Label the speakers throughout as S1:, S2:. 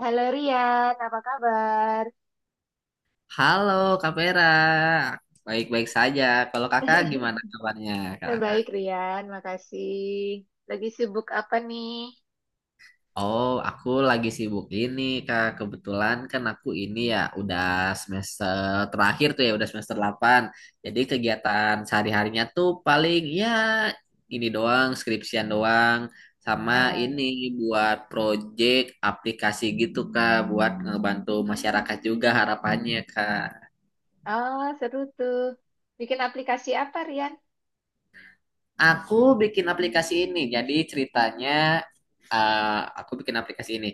S1: Halo Rian, apa kabar?
S2: Halo Kak Vera, baik-baik saja. Kalau kakak gimana kabarnya
S1: Eh,
S2: kakak?
S1: baik Rian, makasih. Lagi sibuk apa nih?
S2: Oh, aku lagi sibuk ini kak. Kebetulan kan aku ini ya udah semester terakhir tuh ya, udah semester 8. Jadi kegiatan sehari-harinya tuh paling ya ini doang, skripsian doang. Sama ini
S1: Ah,
S2: buat project aplikasi gitu kak, buat ngebantu masyarakat juga harapannya kak.
S1: oh, seru tuh. Bikin aplikasi apa Rian?
S2: Aku bikin aplikasi ini. Jadi ceritanya aku bikin aplikasi ini,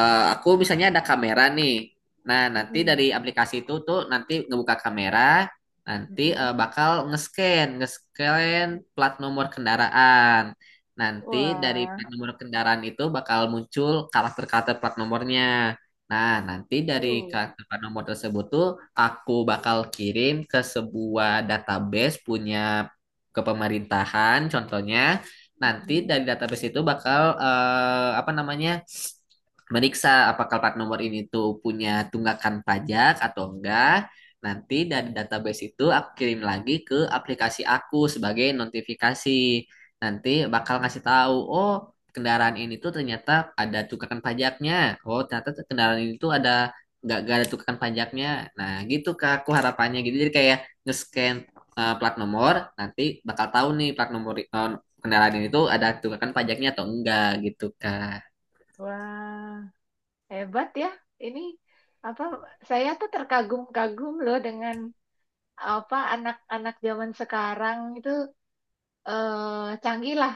S2: aku misalnya ada kamera nih. Nah, nanti dari
S1: Mm-mm,
S2: aplikasi itu tuh nanti ngebuka kamera, nanti
S1: mm-mm.
S2: bakal nge-scan, nge-scan plat nomor kendaraan. Nanti dari
S1: Wah,
S2: plat nomor kendaraan itu bakal muncul karakter-karakter plat nomornya. Nah, nanti dari
S1: uh,
S2: karakter plat nomor tersebut tuh aku bakal kirim ke sebuah database punya kepemerintahan, contohnya. Nanti
S1: mm-mm.
S2: dari database itu bakal apa namanya? Meriksa apakah plat nomor ini tuh punya tunggakan pajak atau enggak. Nanti dari database itu aku kirim lagi ke aplikasi aku sebagai notifikasi. Nanti bakal ngasih tahu, oh kendaraan ini tuh ternyata ada tunggakan pajaknya. Oh ternyata tuh kendaraan ini tuh ada nggak ada tunggakan pajaknya. Nah gitu kak, aku harapannya gitu. Jadi kayak nge-scan plat nomor, nanti bakal tahu nih plat nomor kendaraan ini tuh ada tunggakan pajaknya atau enggak gitu kak.
S1: Wah, hebat ya. Ini apa? Saya tuh terkagum-kagum loh dengan apa anak-anak zaman sekarang itu canggih lah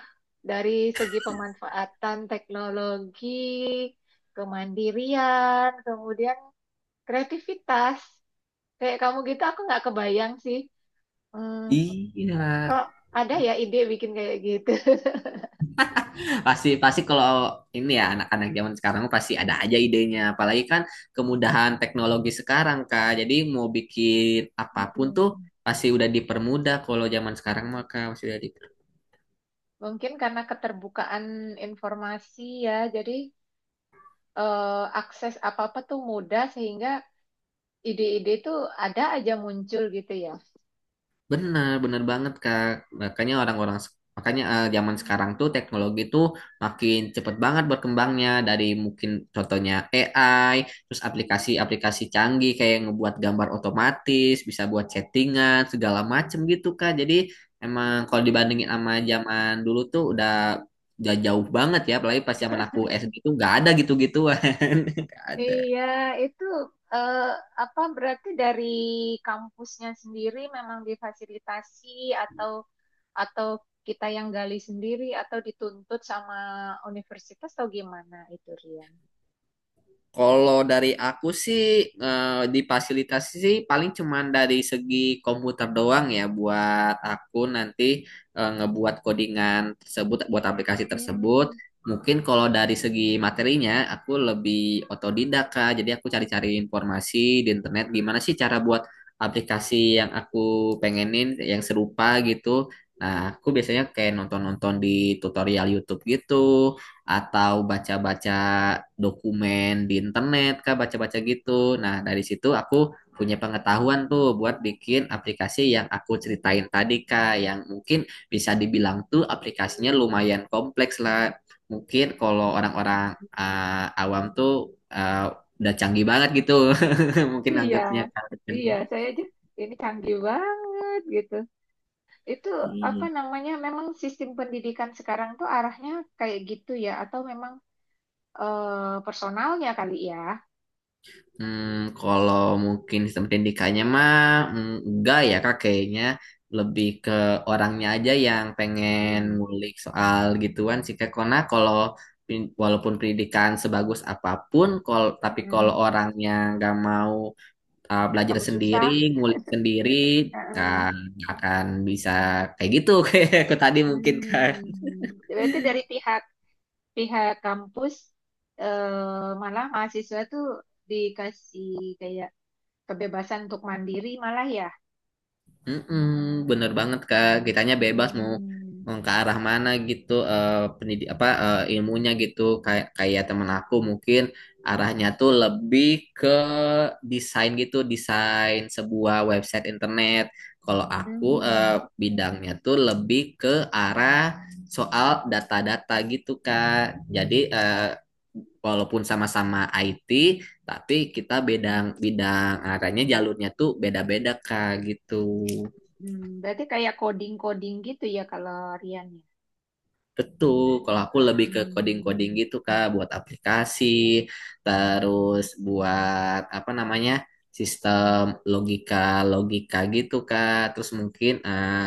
S1: dari segi pemanfaatan teknologi, kemandirian, kemudian kreativitas. Kayak kamu gitu, aku nggak kebayang sih. Hmm,
S2: Iya.
S1: kok ada ya ide bikin kayak gitu?
S2: pasti pasti kalau ini ya anak-anak zaman sekarang pasti ada aja idenya, apalagi kan kemudahan teknologi sekarang Kak, jadi mau bikin apapun tuh
S1: Hmm.
S2: pasti udah dipermudah kalau zaman sekarang maka masih udah dipermudah,
S1: Mungkin karena keterbukaan informasi ya, jadi eh, akses apa-apa tuh mudah sehingga ide-ide itu ada aja muncul gitu ya.
S2: benar benar banget Kak. Makanya orang-orang makanya zaman sekarang tuh teknologi tuh makin cepet banget berkembangnya, dari mungkin contohnya AI, terus aplikasi-aplikasi canggih kayak ngebuat gambar otomatis, bisa buat chattingan segala macem gitu Kak. Jadi emang kalau dibandingin sama zaman dulu tuh udah jauh banget ya, apalagi pas zaman aku SD tuh nggak ada gitu-gituan, nggak ada.
S1: Iya, itu eh, apa berarti dari kampusnya sendiri memang difasilitasi, atau atau kita yang gali sendiri atau dituntut sama universitas atau gimana itu Rian?
S2: Kalau dari aku sih di fasilitas sih paling cuman dari segi komputer doang ya, buat aku nanti ngebuat codingan tersebut buat aplikasi tersebut.
S1: Hmm,
S2: Mungkin kalau dari segi materinya aku lebih otodidak Kak. Jadi aku cari-cari informasi di internet, gimana sih cara buat aplikasi yang aku pengenin yang serupa gitu. Nah, aku biasanya kayak nonton-nonton di tutorial YouTube gitu, atau baca-baca dokumen di internet kah, baca-baca gitu. Nah, dari situ aku punya pengetahuan tuh buat bikin aplikasi yang aku ceritain tadi kah, yang mungkin bisa dibilang tuh aplikasinya lumayan kompleks lah. Mungkin kalau orang-orang awam tuh, ah, udah canggih banget gitu. Mungkin
S1: iya,
S2: anggapnya kan.
S1: iya, saya aja ini canggih banget gitu. Itu apa namanya? Memang sistem pendidikan sekarang tuh arahnya kayak gitu ya, atau memang personalnya kali ya?
S2: Hmm, kalau mungkin sistem pendidikannya mah, enggak ya kak kayaknya, lebih ke orangnya aja yang pengen
S1: Mm-mm,
S2: ngulik soal gituan sih kak. Karena kalau walaupun pendidikan sebagus apapun, kalau tapi kalau
S1: mm-mm.
S2: orangnya nggak mau belajar
S1: Kamu
S2: sendiri,
S1: susah.
S2: ngulik sendiri,
S1: Heeh.
S2: kan nggak akan bisa kayak gitu, kayak aku tadi mungkin kak.
S1: Hmm. Berarti dari pihak pihak kampus malah mahasiswa tuh dikasih kayak kebebasan untuk mandiri malah ya.
S2: Mm-mm, bener banget Kak, kitanya bebas mau
S1: Hmm.
S2: mau ke arah mana gitu, eh pendidik apa ilmunya gitu, kayak kayak temen aku mungkin arahnya tuh lebih ke desain gitu, desain sebuah website internet. Kalau aku
S1: Hmm.
S2: bidangnya tuh lebih ke arah soal data-data gitu Kak. Jadi walaupun sama-sama IT, tapi kita bidang bidang arahnya jalurnya tuh beda-beda Kak gitu.
S1: Hmm. Berarti kayak coding-coding gitu ya kalau Rian ya.
S2: Betul, kalau aku lebih ke coding-coding
S1: Hmm.
S2: gitu Kak, buat aplikasi, terus buat apa namanya, sistem logika-logika gitu Kak, terus mungkin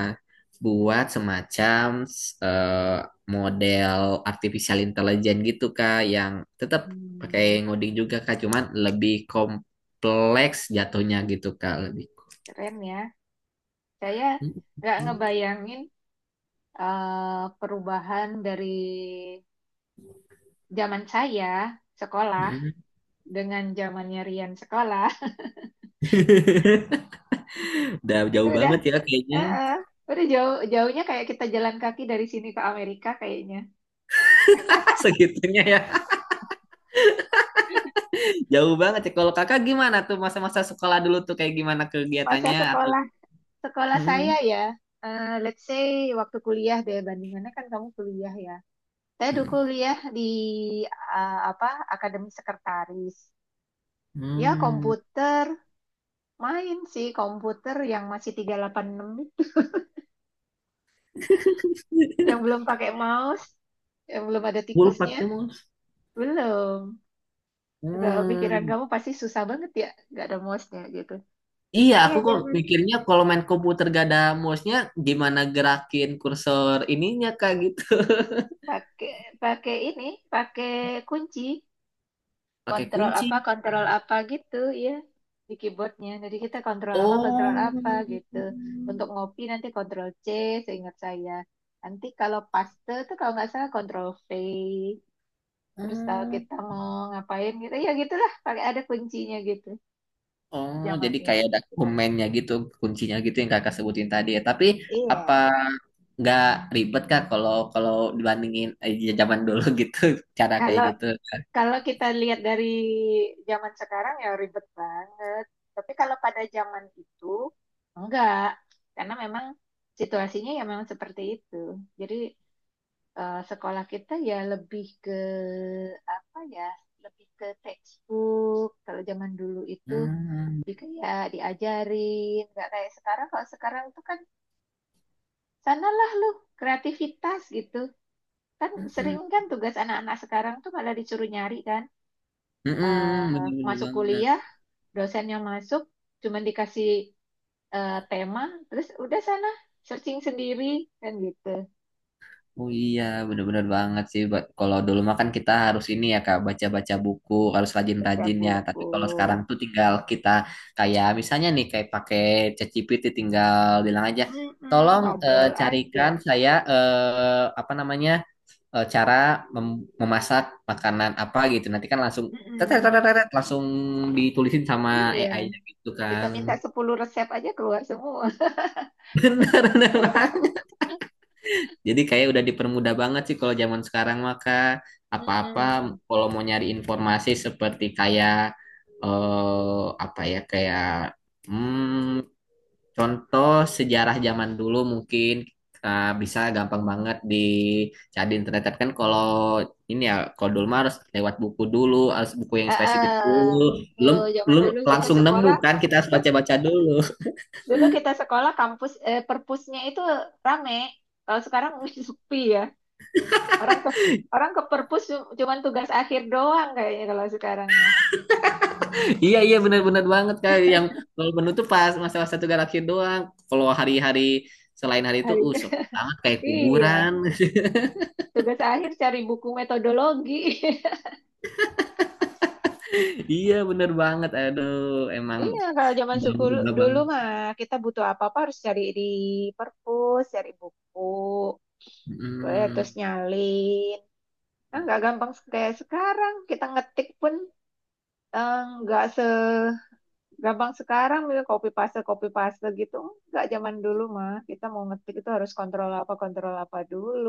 S2: buat semacam eh, model artificial intelligence gitu Kak, yang tetap pakai
S1: Hmm.
S2: ngoding juga Kak, cuman lebih kompleks jatuhnya gitu Kak, lebih.
S1: Keren ya. Saya nggak ngebayangin perubahan dari zaman saya sekolah dengan zamannya Rian sekolah.
S2: Udah
S1: Itu
S2: jauh
S1: udah.
S2: banget ya kayaknya.
S1: Heeh. Udah jauh jauhnya, kayak kita jalan kaki dari sini ke Amerika kayaknya.
S2: Segitunya ya. Jauh banget ya. Kalau kakak gimana tuh masa-masa sekolah dulu tuh kayak gimana
S1: Masa
S2: kegiatannya atau
S1: sekolah sekolah saya
S2: hmm,
S1: ya, let's say waktu kuliah deh bandingannya, kan kamu kuliah ya. Saya dulu
S2: hmm,
S1: kuliah di apa, Akademi Sekretaris. Ya
S2: hmm.
S1: komputer, main sih komputer yang masih 386, yang belum pakai mouse, yang belum ada
S2: Gue lupa
S1: tikusnya.
S2: tuh, Mus.
S1: Belum. Ke pikiran
S2: Hmm.
S1: kamu pasti susah banget ya, nggak ada mouse-nya gitu.
S2: Iya,
S1: Iya,
S2: aku kok
S1: jangan.
S2: mikirnya kalau main komputer gak ada mouse-nya, gimana gerakin kursor ininya kak gitu.
S1: Pakai pakai ini pakai kunci,
S2: Pakai kunci.
S1: kontrol apa gitu ya, di keyboardnya. Jadi kita kontrol apa
S2: Oh.
S1: gitu, untuk ngopi nanti kontrol C, seingat saya. Nanti kalau paste tuh kalau nggak salah kontrol V. Terus kalau
S2: Hmm.
S1: kita mau ngapain gitu ya gitulah, pakai ada kuncinya gitu
S2: Oh,
S1: zaman
S2: jadi
S1: itu.
S2: kayak dokumennya gitu, kuncinya gitu yang kakak sebutin tadi ya. Tapi apa
S1: Iya.
S2: nggak ribet kak kalau kalau dibandingin zaman dulu gitu, cara kayak
S1: kalau
S2: gitu?
S1: Kalau kita lihat dari zaman sekarang ya ribet banget. Tapi kalau pada zaman itu enggak, karena memang situasinya ya memang seperti itu. Jadi sekolah kita ya lebih ke apa ya, lebih ke textbook. Kalau zaman dulu itu
S2: Hmm,
S1: lebih ke ya diajarin, nggak kayak sekarang. Kalau sekarang tuh kan sanalah lu kreativitas gitu. Kan sering
S2: mm-mm.
S1: kan tugas anak-anak sekarang tuh malah disuruh nyari kan,
S2: Mm-mm, bener-bener
S1: masuk
S2: banget.
S1: kuliah dosennya masuk cuman dikasih tema, terus udah sana searching sendiri kan gitu.
S2: Oh iya, bener-bener banget sih. Kalau dulu mah kan kita harus ini ya Kak, baca-baca buku, harus
S1: Baca
S2: rajin-rajin ya.
S1: buku.
S2: Tapi kalau sekarang tuh tinggal kita kayak misalnya nih kayak pakai ChatGPT tinggal bilang aja,
S1: Mm-mm,
S2: tolong
S1: ngobrol aja.
S2: carikan saya, apa namanya, cara memasak makanan apa gitu. Nanti kan langsung
S1: Mm-mm.
S2: langsung ditulisin sama
S1: Iya,
S2: AI-nya gitu
S1: kita
S2: kan.
S1: minta 10 resep aja keluar semua.
S2: Bener-bener. Jadi kayak udah dipermudah banget sih kalau zaman sekarang maka apa-apa,
S1: Mm-mm.
S2: kalau mau nyari informasi seperti kayak apa ya kayak hmm, contoh sejarah zaman dulu mungkin bisa gampang
S1: Mm-mm.
S2: banget dicari di internet. Tapi kan kalau ini ya kalau dulu mah harus lewat buku dulu, harus buku yang
S1: Ah,
S2: spesifik
S1: ah.
S2: dulu, belum
S1: Tuh, zaman
S2: belum
S1: dulu kita
S2: langsung nemu
S1: sekolah,
S2: kan, kita harus baca-baca dulu.
S1: dulu kita sekolah kampus, perpusnya itu rame. Kalau sekarang sepi ya. orang ke Orang ke perpus cuman tugas akhir doang kayaknya kalau sekarang mah.
S2: Iya iya benar-benar banget kak, yang kalau menu tuh pas masalah satu galaksi doang. Kalau hari-hari selain hari itu
S1: Hari
S2: sepi banget kayak
S1: Iya,
S2: kuburan.
S1: tugas akhir cari buku metodologi.
S2: Iya bener banget. Aduh emang
S1: Iya, kalau zaman
S2: jadul babang.
S1: dulu mah, kita butuh apa-apa harus cari di perpus, cari buku, terus
S2: Mm.
S1: nyalin. Nah, nggak gampang kayak sekarang. Kita ngetik pun eh, nggak segampang sekarang. Misalnya copy paste gitu. Nggak zaman dulu mah. Kita mau ngetik itu harus kontrol apa dulu.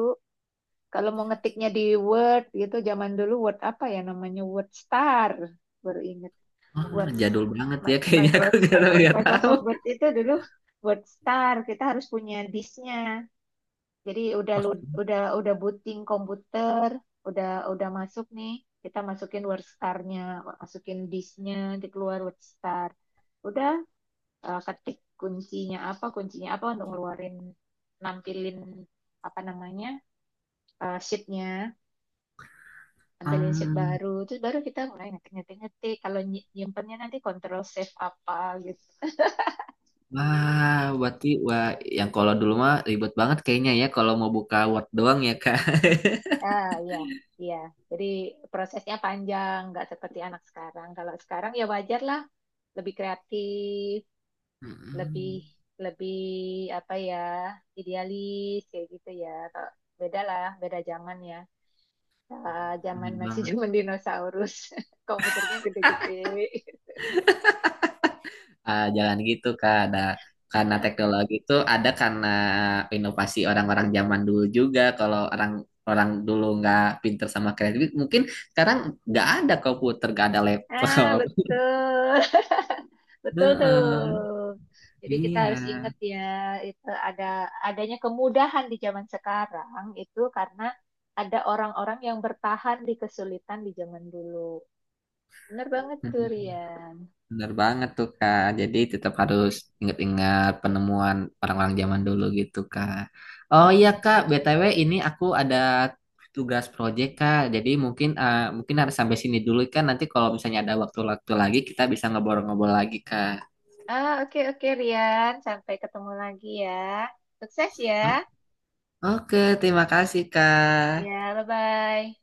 S1: Kalau mau ngetiknya di Word gitu, zaman dulu Word apa ya namanya? Word Star. Baru ingat.
S2: Ah,
S1: Word,
S2: jadul banget ya
S1: Mi-
S2: kayaknya aku,
S1: Microsoft
S2: nggak tahu nggak tahu.
S1: Microsoft Word itu dulu Word Star. Kita harus punya disknya, jadi udah udah booting komputer, udah masuk nih, kita masukin Word Star-nya, masukin disknya, dikeluar Word Star, udah, ketik kuncinya apa untuk ngeluarin, nampilin apa namanya, sheet-nya, ambilin sheet
S2: Hmm.
S1: baru, terus baru kita mulai ngetik ngetik ngetik. Kalau nyimpennya nanti kontrol save apa gitu.
S2: Wah, berarti wah yang kalau dulu mah ribet banget kayaknya ya, kalau mau buka Word doang ya kak.
S1: Ah, iya, iya. Jadi prosesnya panjang, nggak seperti anak sekarang. Kalau sekarang ya wajar lah, lebih kreatif, lebih
S2: Mm.
S1: lebih apa ya, idealis kayak gitu ya. Kalau beda lah, beda zaman ya. Ah, zaman
S2: Bener
S1: masih
S2: banget.
S1: zaman dinosaurus, komputernya gede-gede.
S2: Jalan gitu Kak. Ada karena teknologi itu ada karena inovasi orang-orang zaman dulu juga. Kalau orang orang dulu nggak pinter sama kreatif, mungkin sekarang nggak ada komputer, nggak ada
S1: Ah,
S2: laptop.
S1: betul. Betul tuh. Jadi
S2: Heeh,
S1: kita harus
S2: iya.
S1: ingat ya, itu adanya kemudahan di zaman sekarang itu karena ada orang-orang yang bertahan di kesulitan di zaman dulu. Bener banget tuh,
S2: Hmm.
S1: Rian.
S2: Bener banget tuh Kak. Jadi tetap harus ingat-ingat penemuan orang-orang zaman dulu gitu Kak. Oh iya Kak,
S1: Mm-mm.
S2: BTW ini aku ada tugas proyek Kak. Jadi mungkin mungkin harus sampai sini dulu kan. Nanti kalau misalnya ada waktu-waktu lagi kita bisa ngobrol-ngobrol lagi Kak.
S1: Ah, oke oke Rian, sampai ketemu lagi ya. Sukses ya.
S2: Oh, oke, terima kasih Kak.
S1: Ya, bye-bye.